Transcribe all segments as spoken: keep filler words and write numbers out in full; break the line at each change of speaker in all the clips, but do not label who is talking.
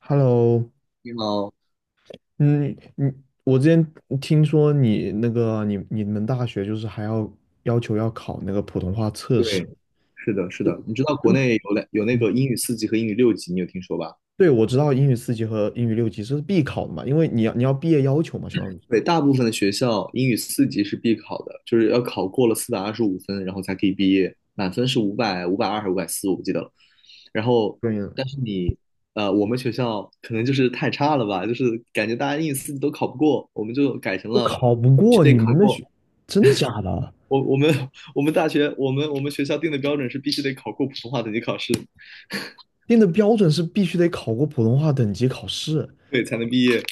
Hello,
你好，
嗯，你我之前听说你那个你你们大学就是还要要求要考那个普通话测试。
对，是的，是的，你知道国
嗯，
内有两有那
嗯，
个英语四级和英语六级，你有听说吧？
对，我知道英语四级和英语六级这是必考的嘛，因为你要你要毕业要求嘛，相当于是。
对，大部分的学校英语四级是必考的，就是要考过了四百二十五分，然后才可以毕业，满分是五百、五百二还是五百四，我不记得了。然后，
对呀。
但是你，呃，我们学校可能就是太差了吧，就是感觉大家英语四级都考不过，我们就改成
我
了
考不
必须
过
得
你
考
们那学。
过。
真的假的？
我我们 我们大学我们我们学校定的标准是必须得考过普通话等级考试，
定的标准是必须得考过普通话等级考试。
对，才能毕业。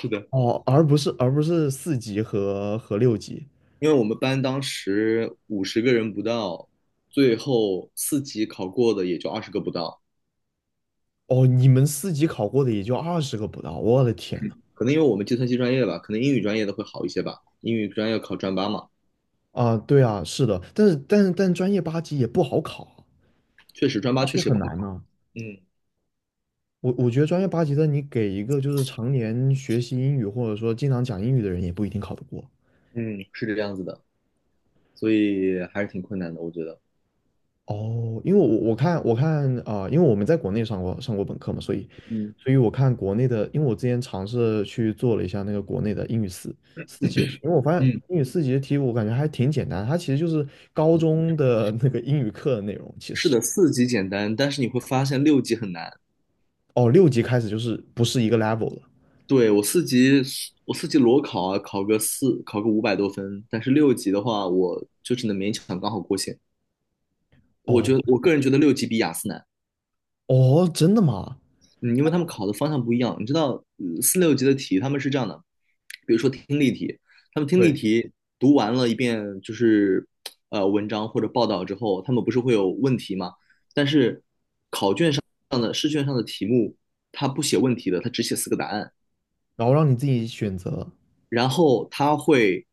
是的。
哦，而不是而不是四级和和六级。
因为我们班当时五十个人不到，最后四级考过的也就二十个不到。
哦，你们四级考过的也就二十个不到，我的天。
可能因为我们计算机专业吧，可能英语专业的会好一些吧。英语专业考专八嘛，
啊，对啊，是的，但是但是但是专业八级也不好考啊，
确实专八
八
确
级
实也
很
不好考。
难呢。
嗯
我我觉得专业八级的，你给一个就是常年学习英语或者说经常讲英语的人，也不一定考得过。
嗯，是这样子的，所以还是挺困难的，我觉得。
哦，因为我我看我看啊、呃因为我们在国内上过上过本科嘛，所以
嗯
所以我看国内的，因为我之前尝试去做了一下那个国内的英语四四节题。因为我发现
嗯，
英语四级的题我感觉还挺简单，它其实就是高中的那个英语课的内容。其
是
实
的，四级简单，但是你会发现六级很难。
哦，六级开始就是不是一个 level 了。
对，我四级，我四级裸考啊，考个四，考个五百多分，但是六级的话，我就只能勉强刚好过线。我
哦。
觉得，我个人觉得六级比雅思难。
哦，真的吗？
嗯，因为他们考的方向不一样。你知道，呃四六级的题他们是这样的，比如说听力题，他们听力
对，
题读完了一遍就是呃文章或者报道之后，他们不是会有问题吗？但是这样的试卷上的题目，他不写问题的，他只写四个答案。
然后让你自己选择。
然后他会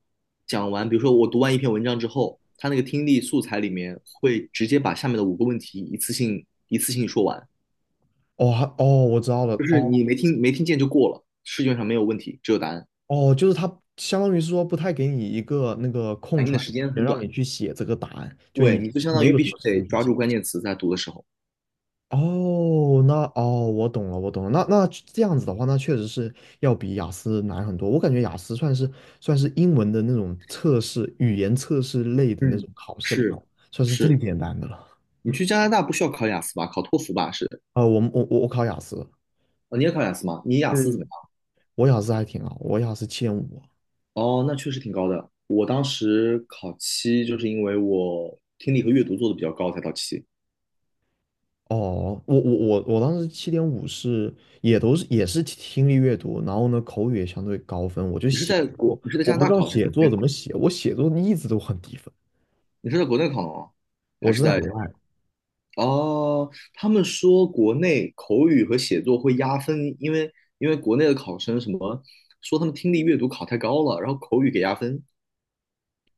讲完，比如说我读完一篇文章之后，他那个听力素材里面会直接把下面的五个问题一次性一次性说完，
哦，还，哦，我知道了。
就是
哦，
你没听没听见就过了，试卷上没有问题，只有答案。
哦，就是他相当于是说不太给你一个那个空
反应
出
的
来的
时
时
间
间
很
让
短。
你去写这个答案，就
对，
你
你就相当
没
于
有
必
什
须
么时
得
间去
抓住
写。
关键词在读的时候。
哦，那，哦，我懂了，我懂了。那那这样子的话，那确实是要比雅思难很多。我感觉雅思算是，算是英文的那种测试，语言测试类的那
嗯，
种考试里
是
头，算是最
是，
简单的了。
你去加拿大不需要考雅思吧？考托福吧？是
啊、我们我我我考雅思。
哦，你也考雅思吗？你雅思怎么
嗯，
样？
我雅思还挺好，我雅思七点五。
哦，那确实挺高的。我当时考七，就是因为我听力和阅读做的比较高才到七。
哦，我我我我当时七点五是也都是也是听力阅读，然后呢口语也相对高分，我就
你是
写
在国，
作，
你是在
我
加拿
不知
大
道
考的还是
写
在国
作
内
怎么
考？
写，我写作一直都很低分。
你是在国内考的吗？
我
还是
是在
在？
国外。
哦，他们说国内口语和写作会压分，因为因为国内的考生什么说他们听力阅读考太高了，然后口语给压分。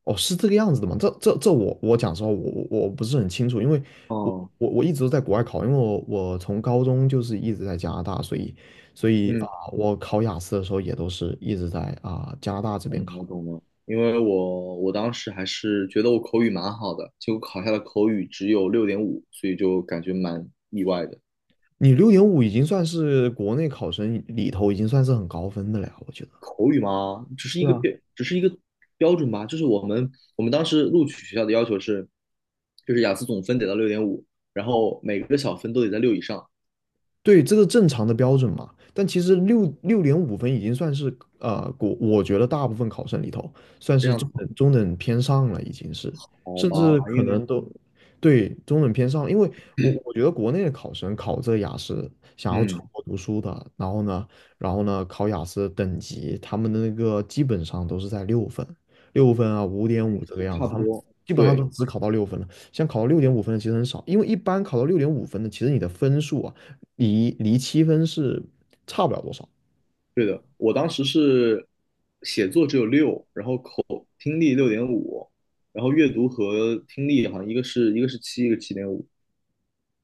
哦，是这个样子的吗？这这这我我讲实话，我我我不是很清楚，因为我
哦，
我我一直都在国外考。因为我我从高中就是一直在加拿大，所以所以啊、
嗯，
我考雅思的时候也都是一直在啊、加拿大这边
懂了
考。
懂了。因为我我当时还是觉得我口语蛮好的，结果考下的口语只有六点五，所以就感觉蛮意外的。
你六点五已经算是国内考生里头已经算是很高分的了呀，我觉得。
口语嘛，只是一
对
个
啊，
标，只是一个标准吧。就是我们我们当时录取学校的要求是，就是雅思总分得到六点五，然后每个小分都得在六以上。
对，这个正常的标准嘛。但其实六六点五分已经算是，呃，我我觉得大部分考生里头算
这
是
样
中
子。
等中等偏上了，已经是，
好
甚至
吧，
可
因为
能都，对，中等偏上了。因为我我觉得国内的考生考这个雅思，想要出
嗯
国读书的，然后呢，然后呢考雅思等级，他们的那个基本上都是在六分、六分啊、五点
嗯，
五这个样
差
子，
不
他们
多，
基本上都
对
只考到六分了。像考到六点五分的其实很少，因为一般考到六点五分的，其实你的分数啊，离离七分是差不了多少。
对的。我当时是写作只有六，然后听力六点五，然后阅读和听力好像一个是一个是七，一个七点五，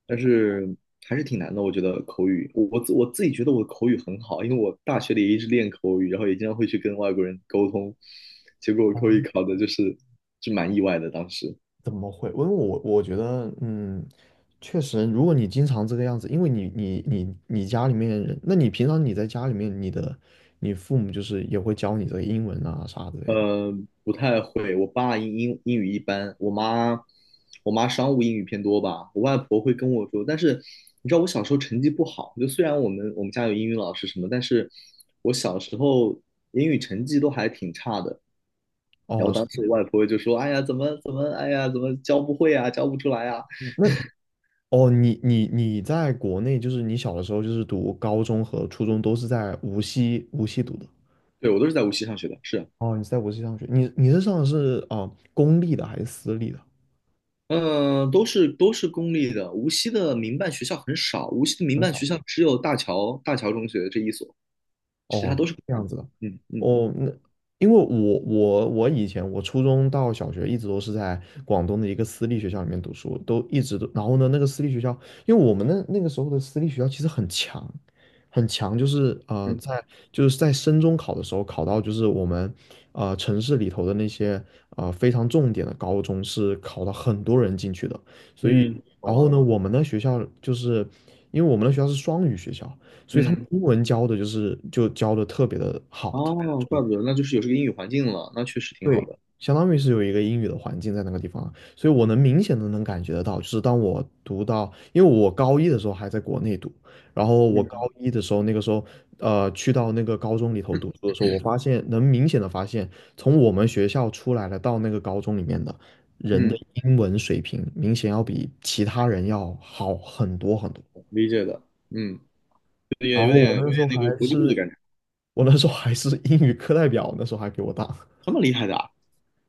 但是还是挺难的。我觉得口语，我我自我自己觉得我的口语很好，因为我大学里一直练口语，然后也经常会去跟外国人沟通，结果我口语考的就是就蛮意外的当时。
怎么会？因为我我觉得，嗯，确实，如果你经常这个样子，因为你你你你家里面人，那你平常你在家里面，你的你父母就是也会教你这个英文啊啥之类的。
呃，不太会。我爸英英英语一般，我妈我妈商务英语偏多吧。我外婆会跟我说，但是你知道我小时候成绩不好，就虽然我们我们家有英语老师什么，但是我小时候英语成绩都还挺差的。然后
哦，是
当
这
时我
样。
外婆就说：“哎呀，怎么怎么，哎呀，怎么教不会啊，教不出来啊。”
那，哦，你你你在国内，就是你小的时候就是读高中和初中都是在无锡无锡读的。
对，我都是在无锡上学的，是。
哦，你是在无锡上学，你你是上的是啊、呃公立的还是私立的？
嗯，呃都是都是公立的，无锡的民办学校很少，无锡的民办学校只有大桥大桥中学这一所。其他
哦，
都是国
这
外
样
的。
子的。
嗯嗯
哦，那，因为我我我以前我初中到小学一直都是在广东的一个私立学校里面读书，都一直都，然后呢，那个私立学校，因为我们那那个时候的私立学校其实很强，很强，就是，呃，
嗯
在，就是在升中考的时候考到，就是我们，呃，城市里头的那些，呃，非常重点的高中是考了很多人进去的。所以
嗯，
然
懂
后
了。
呢，我们的学校就是因为我们的学校是双语学校，所以他们
嗯，
英文教的就是就教的特别的好，特别的
哦，
重。
怪不得，那就是有这个英语环境了，那确实挺好
对，
的。
相当于是有一个英语的环境在那个地方啊。所以我能明显的能感觉得到，就是当我读到，因为我高一的时候还在国内读，然后我高
嗯
一的时候那个时候，呃，去到那个高中里头读书的时候，我发现能明显的发现，从我们学校出来了到那个高中里面的人的
嗯，
英文水平，明显要比其他人要好很多很多。
理解的。嗯，也
然
有
后我
点有点
那时候
那个
还
国际部的
是
感觉，
我那时候还是英语课代表，那时候还比我大。
这 么厉害的啊。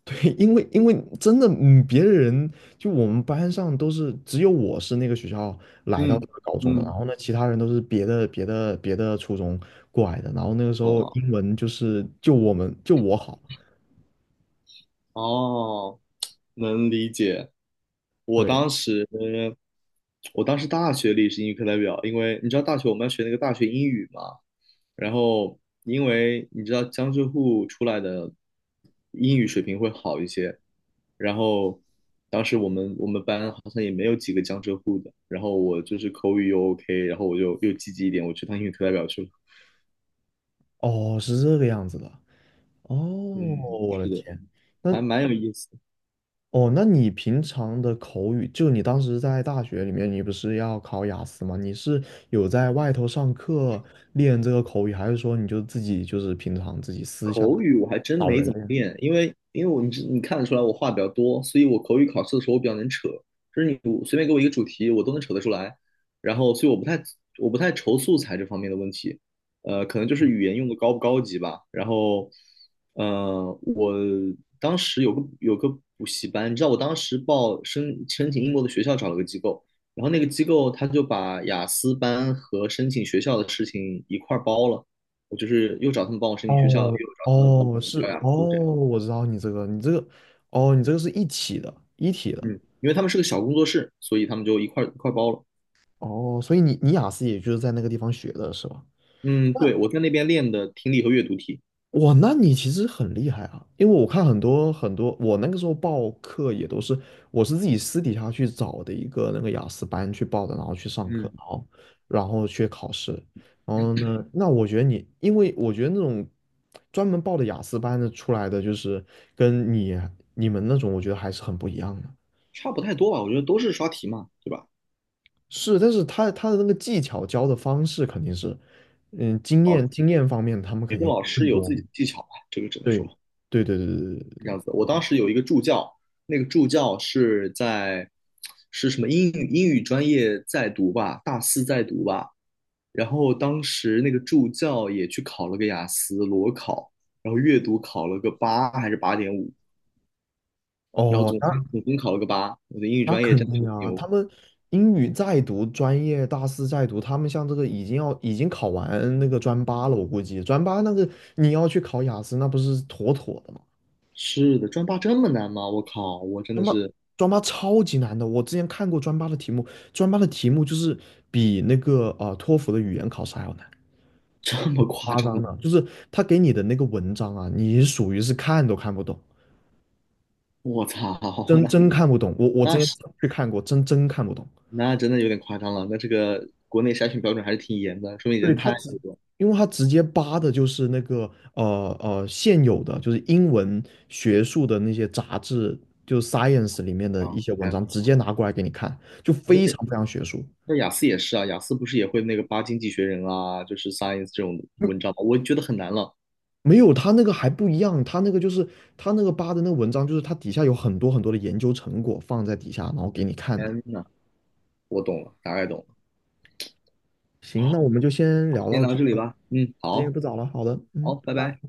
对，因为因为真的，嗯，别人，就我们班上都是只有我是那个学校来到
嗯
这个高中的，然
嗯，
后呢，其他人都是别的别的别的初中过来的，然后那个时
懂
候
了。
英文就是就我们就我好。
哦，能理解。我
对。
当时我当时大学里是英语课代表，因为你知道大学我们要学那个大学英语嘛，然后因为你知道江浙沪出来的英语水平会好一些，然后当时我们我们班好像也没有几个江浙沪的，然后我就是口语又 OK，然后我就又积极一点，我去当英语课代表去了。
哦，是这个样子的。哦，
嗯，
我的
是的，
天。那，
还蛮有意思的。
哦，那你平常的口语，就你当时在大学里面，你不是要考雅思吗？你是有在外头上课练这个口语，还是说你就自己就是平常自己私下
口语我还真
找
没
人
怎么
练？
练，因为因为我你知你看得出来我话比较多，所以我口语考试的时候我比较能扯，就是你我随便给我一个主题，我都能扯得出来。然后，所以我不太我不太愁素材这方面的问题，呃，可能就是语 言用的高不高级吧。然后，呃，我当时有个有个补习班，你知道我当时报申申请英国的学校找了个机构，然后那个机构他就把雅思班和申请学校的事情一块儿包了。我就是又找他们帮我申请学校，又
哦，
找他们帮
哦，
我
是
调雅
哦，
思这样。
我知道你这个，你这个，哦，你这个是一体的，一体的。
嗯，因为他们是个小工作室，所以他们就一块一块包了。
哦，所以你你雅思也就是在那个地方学的是吧？
嗯，对，我在那边练的听力和阅读题，
哇，那你其实很厉害啊，因为我看很多很多，我那个时候报课也都是，我是自己私底下去找的一个那个雅思班去报的，然后去上课，
嗯，
然后然后去考试。然后呢，那我觉得你，因为我觉得那种专门报的雅思班的出来的，就是跟你你们那种，我觉得还是很不一样的。
差不太多吧，我觉得都是刷题嘛，对吧？
是，但是他他的那个技巧教的方式肯定是，嗯，经
哦，
验，经验方面他们
每
肯
个
定
老
更
师有
多
自
嘛。
己的技巧吧，这个只能说
对对对对对对
是
对
这
对。
样子。我当时有一个助教，那个助教是在是什么英语英语专业在读吧，大四在读吧，然后当时那个助教也去考了个雅思裸考，然后阅读考了个八还是八点五，然后
哦，
总分总分考了个八。我的英语
那
专业真
肯
的
定
是
啊，
牛。
他们英语在读，专业大四在读，他们像这个已经要已经考完那个专八了，我估计专八那个你要去考雅思，那不是妥妥的吗？
是的，专八这么难吗？我靠，我真
专
的
八，
是
专八超级难的。我之前看过专八的题目，专八的题目就是比那个啊、呃托福的语言考试还要难。
这么夸
夸
张
张
的，
的，就是他给你的那个文章啊，你属于是看都看不懂，
我操，
真
那
真看不懂。我我之
那
前
是
去看过，真真看不懂。
那真的有点夸张了。那这个国内筛选标准还是挺严的，说明
对，
人
他
太
直，因为他直接扒的就是那个，呃，呃现有的，就是英文学术的那些杂志，就是 science 里面的
张
一
了
些文
太
章，
夸
直
张了。
接拿过来给你看，就非常
那
非常学术。
那雅思也是啊，雅思不是也会那个八经济学人啊，就是 Science 这种文章吗？我觉得很难了。
没有，他那个还不一样，他那个就是他那个扒的那个文章，就是它底下有很多很多的研究成果放在底下，然后给你看的。
天呐，我懂了，大概懂了。
行，那我
好，
们就先聊
先
到
聊到
这
这里
吧，
吧。嗯，
时间也
好，
不早了，好的，嗯，
好，拜
拜
拜。
拜。